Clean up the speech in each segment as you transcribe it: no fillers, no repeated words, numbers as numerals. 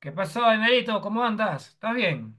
¿Qué pasó, Emerito? ¿Cómo andas? ¿Estás bien?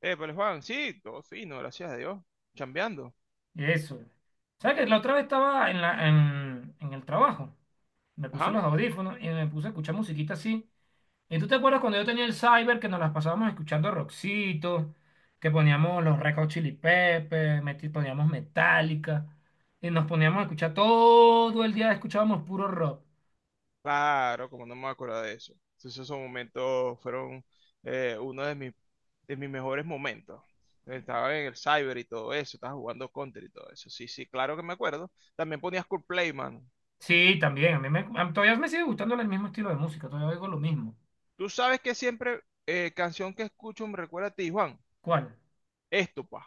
Pero Juan, sí, todo fino, gracias a Dios, chambeando. Y eso. ¿Sabes que la otra vez estaba en el trabajo? Me puse Ajá, los audífonos y me puse a escuchar musiquita así. ¿Y tú te acuerdas cuando yo tenía el cyber que nos las pasábamos escuchando rockcito, que poníamos los Red Hot Chili Peppers, poníamos Metallica, y nos poníamos a escuchar todo el día, escuchábamos puro rock? claro, como no me acuerdo de eso. Entonces esos momentos fueron uno de de mis mejores momentos. Estaba en el cyber y todo eso, estaba jugando Counter y todo eso. Sí, sí, claro que me acuerdo. También ponías Cool Play, mano. Sí, también, a mí me, a- todavía me sigue gustando el mismo estilo de música, todavía oigo lo mismo. Tú sabes que siempre, canción que escucho me recuerda a ti, Juan. ¿Cuál? Esto, pa.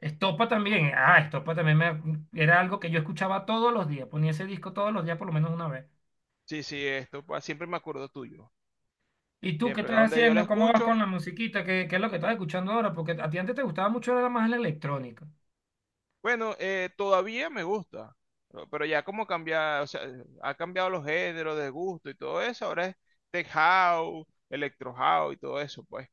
Estopa también, ah, era algo que yo escuchaba todos los días, ponía ese disco todos los días por lo menos una vez. Sí, sí, esto, pa. Siempre me acuerdo tuyo. ¿Y tú qué Siempre, estás cada donde yo la haciendo? ¿Cómo vas con escucho. la musiquita? ¿Qué es lo que estás escuchando ahora? Porque a ti antes te gustaba mucho era más la electrónica. Bueno, todavía me gusta, pero ya como cambia, o sea, ha cambiado los géneros de gusto y todo eso. Ahora es tech house, electro house y todo eso, pues.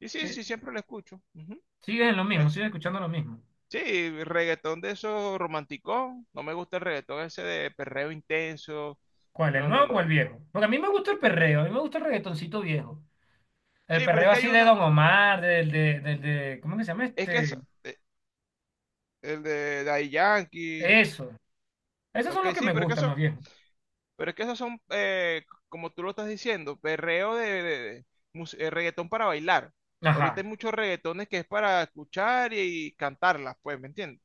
Y sí, Eh, sí, siempre lo escucho. Ujú. Sigues en lo mismo, Eso. sigues escuchando lo mismo. Sí, reggaetón de esos romanticón, no me gusta el reggaetón ese de perreo intenso, ¿Cuál, el no, no, nuevo o el no. viejo? Porque a mí me gusta el perreo, a mí me gusta el reggaetoncito viejo. El Sí, pero es perreo que hay así de uno, Don Omar, del de, ¿cómo que se llama es que es este? eh, el de Daddy Yankee. Eso. Esos son Ok, los que sí, me pero es que gustan, eso. los viejos. Pero es que esos son, como tú lo estás diciendo, perreo de reggaetón para bailar. Ahorita Ajá. hay muchos reggaetones que es para escuchar y cantarlas, pues, ¿me entiendes?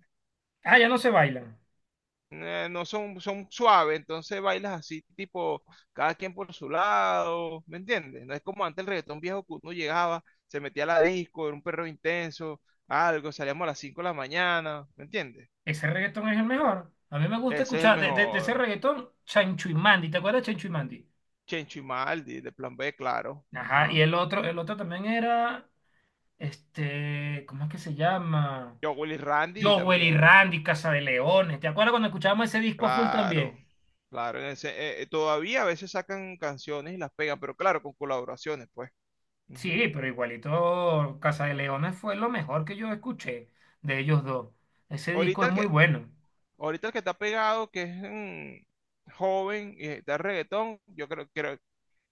Ah, ya no se bailan. No son, son suaves, entonces bailas así, tipo, cada quien por su lado, ¿me entiendes? No es como antes el reggaetón viejo que uno llegaba, se metía a la disco, era un perreo intenso, algo, salíamos a las 5 de la mañana, ¿me entiendes? Ese reggaetón es el mejor. A mí me gusta Ese es el escuchar de ese mejor. reggaetón Chancho y Mandy. ¿Te acuerdas de Chancho y Mandy? Chencho y Maldi, de Plan B, claro. Ajá, y Ajá. El otro también era, este, ¿cómo es que se llama? Yo, Willy Randy Jowell y también. Randy, Casa de Leones. ¿Te acuerdas cuando escuchábamos ese disco a full Claro, también? claro. Todavía a veces sacan canciones y las pegan, pero claro, con colaboraciones, pues. Ujú. Sí, pero igualito Casa de Leones fue lo mejor que yo escuché de ellos dos. Ese disco Ahorita es el muy que, bueno. ahorita el que está pegado, que es joven y está en reggaetón, yo creo,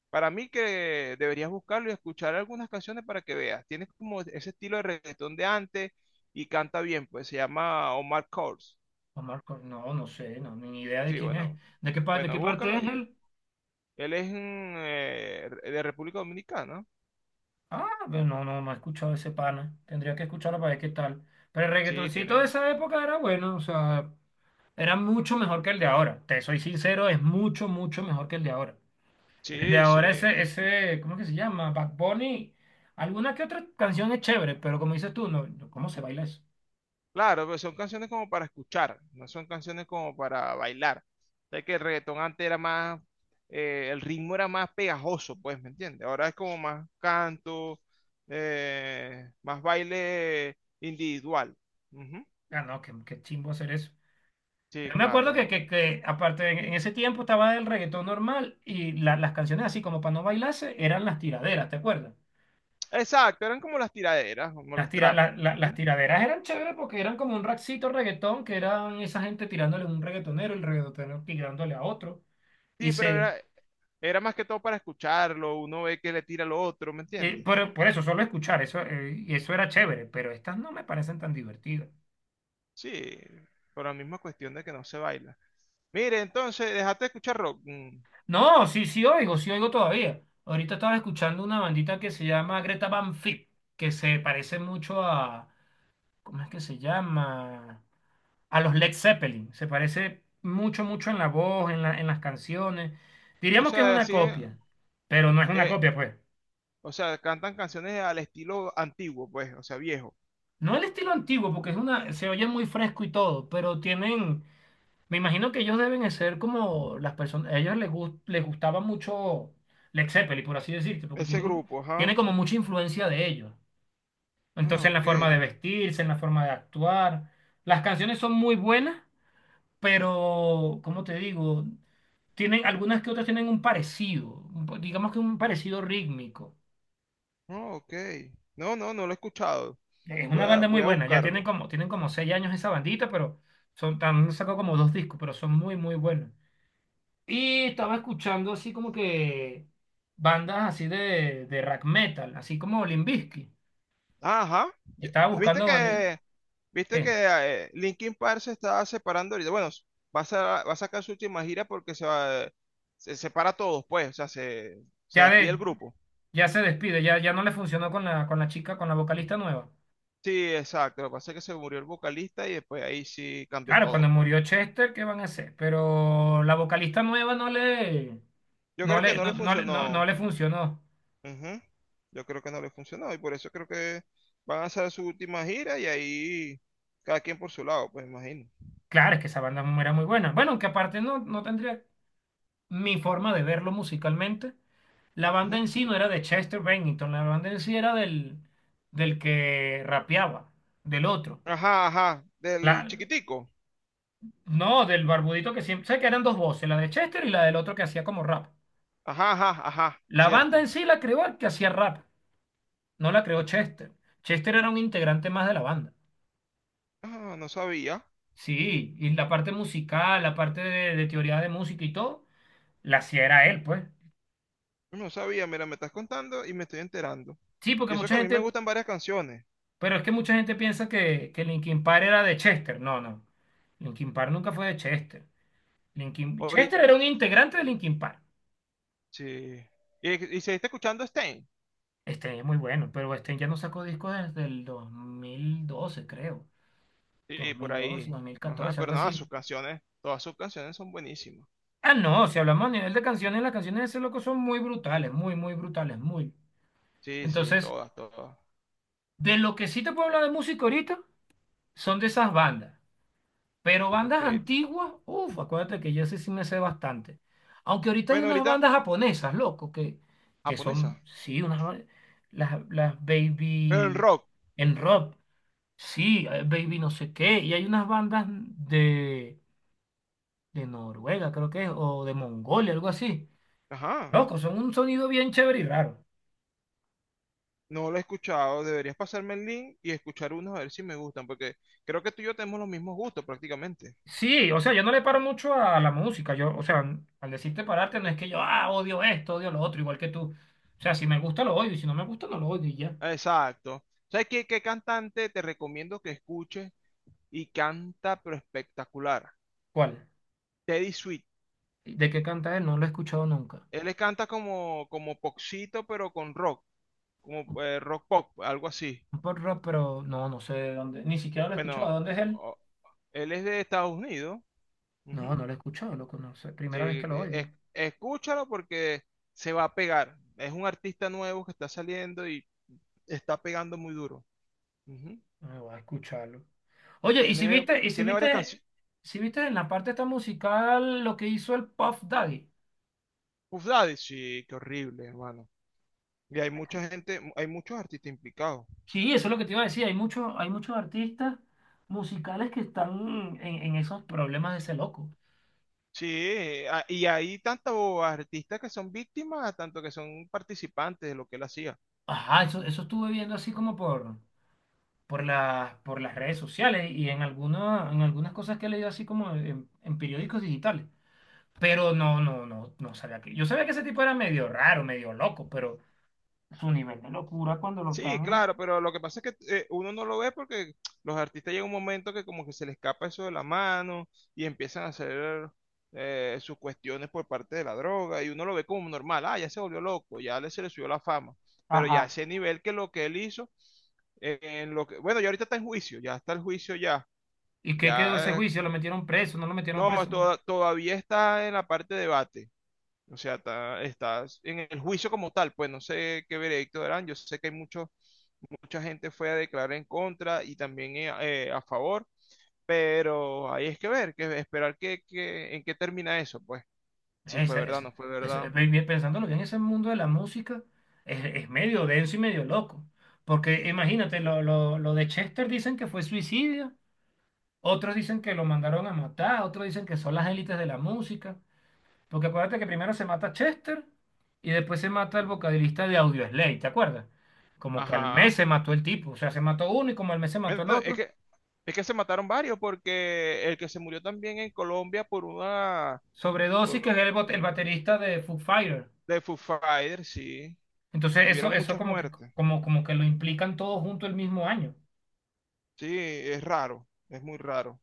para mí que deberías buscarlo y escuchar algunas canciones para que veas. Tiene como ese estilo de reggaetón de antes y canta bien, pues se llama Omar Courtz. No, no sé, no, ni idea de Sí, quién es. bueno, ¿De qué parte, de bueno, qué parte búscalo es ahí. él? Él es de República Dominicana. Ah, pero no, no, no he escuchado ese pana. Tendría que escucharlo para ver qué tal. Pero el Sí, reggaetoncito de tiene. esa época era bueno, o sea, era mucho mejor que el de ahora. Te soy sincero, es mucho, mucho mejor que el de ahora. El de Sí, ahora, sí. ese, ¿cómo es que se llama? Bad Bunny. Alguna que otra canción es chévere, pero como dices tú, no, no, ¿cómo se baila eso? Claro, pero son canciones como para escuchar, no son canciones como para bailar. Sé que el reggaetón antes era más, el ritmo era más pegajoso, pues, ¿me entiendes? Ahora es como más canto, más baile individual. Ujú. Ah, no, qué chimbo hacer eso. Sí, Yo me acuerdo que, claro. que, que aparte, en ese tiempo estaba el reggaetón normal y las canciones así como para no bailarse eran las tiraderas, ¿te acuerdas? Exacto, eran como las tiraderas, como Las, los tira, trap. la- la- las Ujú. tiraderas eran chéveres porque eran como un raxito reggaetón, que eran esa gente tirándole a un reggaetonero, el reggaetonero tirándole a otro. Sí, Y pero se, era, era más que todo para escucharlo, uno ve que le tira al otro, ¿me entiendes? Por eso, solo escuchar, y eso era chévere, pero estas no me parecen tan divertidas. Sí, por la misma cuestión de que no se baila. Mire, entonces, dejaste de escuchar rock. Mm. No, sí, sí oigo todavía. Ahorita estaba escuchando una bandita que se llama Greta Van Fleet, que se parece mucho a, ¿cómo es que se llama? A los Led Zeppelin. Se parece mucho, mucho en la voz, en en las canciones. O Diríamos que es sea, una así es, copia, pero no es una eh, copia, pues. o sea, cantan canciones al estilo antiguo, pues, o sea, viejo. No el estilo antiguo, porque es una, se oye muy fresco y todo, pero tienen, me imagino que ellos deben de ser como las personas, a ellos les gustaba mucho Led Zeppelin, por así decirte, porque Ese grupo, ajá. tiene como mucha influencia de ellos. Entonces Ah, en la ok. forma de vestirse, en la forma de actuar, las canciones son muy buenas, pero, ¿cómo te digo? Tienen, algunas que otras tienen un parecido, digamos que un parecido rítmico. Ah, ok. No, no, no lo he escuchado. Es una banda muy Voy a buena, ya buscarlo. Tienen como seis años esa bandita, pero son, también sacó como dos discos, pero son muy, muy buenos. Y estaba escuchando así como que bandas así de rock metal, así como Limp Bizkit. Ah, ajá. Estaba ¿Viste buscando banditas. Viste que, Linkin Park se está separando ahorita? Va a va a sacar su última gira porque se va, se separa a todos, pues, o sea, se Ya, despide el de, grupo. ya se despide, ya, ya no le funcionó con con la chica, con la vocalista nueva. Sí, exacto. Lo que pasa es que se murió el vocalista y después ahí sí cambió Claro, todo, cuando pues. murió Chester, ¿qué van a hacer? Pero la vocalista nueva Yo creo que no le no funcionó. le funcionó. Ujú. Yo creo que no les funcionó y por eso creo que van a hacer su última gira y ahí cada quien por su lado, pues imagino. Claro, es que esa banda era muy buena. Bueno, aunque aparte no, no tendría mi forma de verlo musicalmente. La banda Ujú. en sí no era de Chester Bennington, la banda en sí era del, del que rapeaba, del otro. Ajá, ajá, del La, chiquitico. no, del barbudito que siempre, sé que eran dos voces, la de Chester y la del otro que hacía como rap. Ajá, ajá, ajá, La banda en cierto. sí la creó el que hacía rap, no la creó Chester. Chester era un integrante más de la banda. Ah, no sabía, Sí, y la parte musical, la parte de teoría de música y todo, la hacía era él, pues. no sabía, mira, me estás contando y me estoy enterando. Sí, porque Y eso mucha que a mí me gente, gustan varias canciones. pero es que mucha gente piensa que Linkin Park era de Chester. No, no. Linkin Park nunca fue de Chester. Ahorita, Chester era un integrante de Linkin Park. sí. Y seguiste escuchando Stein. Este es muy bueno, pero este ya no sacó discos desde el 2012, creo. Sí, por 2012, ahí. Ajá, 2014, pero algo nada, así. sus canciones, todas sus canciones son buenísimas. Ah, no, si hablamos a nivel de canciones, las canciones de ese loco son muy brutales, muy, muy brutales, muy. Sí, sí, Entonces, todas, todas. de lo que sí te puedo hablar de música ahorita son de esas bandas. Pero Ok. bandas antiguas, uff, acuérdate que yo sé sí me sé bastante. Aunque ahorita hay Bueno, unas ahorita, bandas japonesas, loco, que japonesa. son, sí, las Pero en Baby rock, en rock, sí, Baby no sé qué. Y hay unas bandas de Noruega, creo que es, o de Mongolia, algo así. ajá, Loco, son un sonido bien chévere y raro. no lo he escuchado. Deberías pasarme el link y escuchar unos a ver si me gustan, porque creo que tú y yo tenemos los mismos gustos prácticamente. Sí, o sea, yo no le paro mucho a la música. O sea, al decirte pararte no es que yo, ah, odio esto, odio lo otro, igual que tú. O sea, si me gusta lo odio y si no me gusta no lo odio y ya. Exacto. ¿Sabes qué, qué cantante te recomiendo que escuches y canta pero espectacular? ¿Cuál? Teddy Sweet. ¿De qué canta él? No lo he escuchado nunca. Él le canta como, como popcito, pero con rock, como rock pop, algo así. Un pop rock, pero no, no sé de dónde. Ni siquiera lo he escuchado. ¿De Bueno, dónde es él? o- él es de Estados Unidos. No, Ujú. no lo he escuchado, loco, no sé. Sí, Primera vez que lo e, es- oigo. Escúchalo porque se va a pegar. Es un artista nuevo que está saliendo y está pegando muy duro. Ujú. Me voy a escucharlo. Oye, ¿y si viste, y si Tiene varias viste, canciones. si viste en la parte esta musical lo que hizo el Puff Daddy? Puff Daddy, sí, qué horrible, hermano. Y hay mucha gente, hay muchos artistas implicados. Sí, eso es lo que te iba a decir. Hay muchos artistas musicales que están en esos problemas de ese loco. Sí, y hay tantos artistas que son víctimas, tanto que son participantes de lo que él hacía. Ajá, eso estuve viendo así como por, por las redes sociales y en alguna, en algunas cosas que he leído así como en periódicos digitales. Pero no sabía que. Yo sabía que ese tipo era medio raro, medio loco, pero su nivel de locura cuando lo Sí, están. claro, pero lo que pasa es que, uno no lo ve porque los artistas llega un momento que como que se les escapa eso de la mano y empiezan a hacer sus cuestiones por parte de la droga y uno lo ve como normal. Ah, ya se volvió loco, ya le se le subió la fama, pero Ajá. ya a ese nivel que lo que él hizo, bueno, ya ahorita está en juicio, ya está el juicio ya, ¿Y qué quedó ese ya, juicio? ¿Lo metieron preso? ¿No lo metieron no, preso? Todavía está en la parte de debate, o sea, está en el juicio como tal, pues no sé qué veredicto darán. Yo sé que hay muchos mucha gente fue a declarar en contra y también a favor, pero ahí es que ver, que esperar en qué termina eso, pues, si Es, fue verdad, es- no fue verdad. Bien, pensándolo bien, ese mundo de la música es medio denso y medio loco. Porque imagínate, lo de Chester dicen que fue suicidio, otros dicen que lo mandaron a matar, otros dicen que son las élites de la música. Porque acuérdate que primero se mata Chester y después se mata el vocalista de Audioslave, ¿te acuerdas? Como que al Ajá. mes se mató el tipo, o sea, se mató uno y como al mes se Bueno, mató el otro. Es que se mataron varios, porque el que se murió también en Colombia por una Sobredosis, que es por- el baterista de Foo Fighters. de Foo Fighters, sí, Entonces hubieron muchas muertes. como, como que lo implican todos junto el mismo año. Sí, es raro, es muy raro.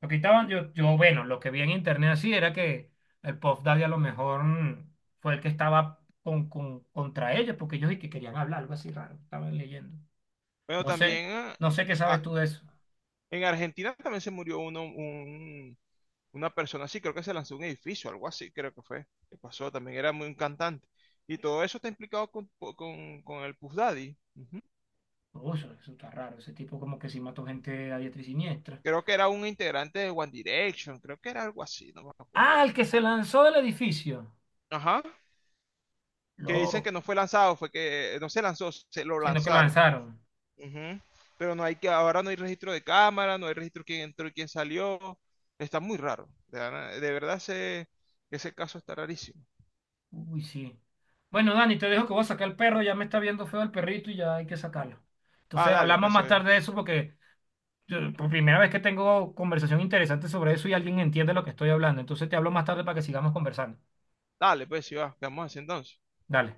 Lo que estaban, bueno, lo que vi en internet así era que el Puff Daddy a lo mejor fue el que estaba contra ellos, porque ellos y que querían hablar, algo así raro, estaban leyendo. Bueno, No sé, también no sé qué sabes ah, tú de eso. en Argentina también se murió uno, un, una persona así, creo que se lanzó un edificio, algo así, creo que fue, que pasó, también era muy un cantante. Y todo eso está implicado con el Puff Daddy. Ujú. Uy, eso está raro, ese tipo como que sí mató gente a diestra y siniestra. Creo que era un integrante de One Direction, creo que era algo así, no me acuerdo. Ah, el que se lanzó del edificio. Ajá, que dicen Loco. que no fue lanzado, fue que no se lanzó, se lo Sino que lo lanzaron. lanzaron. Ujú. Pero no hay que, ahora no hay registro de cámara, no hay registro de quién entró y quién salió. Está muy raro. De verdad ese caso está rarísimo. Uy, sí. Bueno, Dani, te dejo que voy a sacar el perro, ya me está viendo feo el perrito y ya hay que sacarlo. Ah, Entonces, hablamos más tarde de eso porque por primera vez que tengo conversación interesante sobre eso y alguien entiende lo que estoy hablando. Entonces, te hablo más tarde para que sigamos conversando. dale, pues, si va, quedamos así entonces. Dale.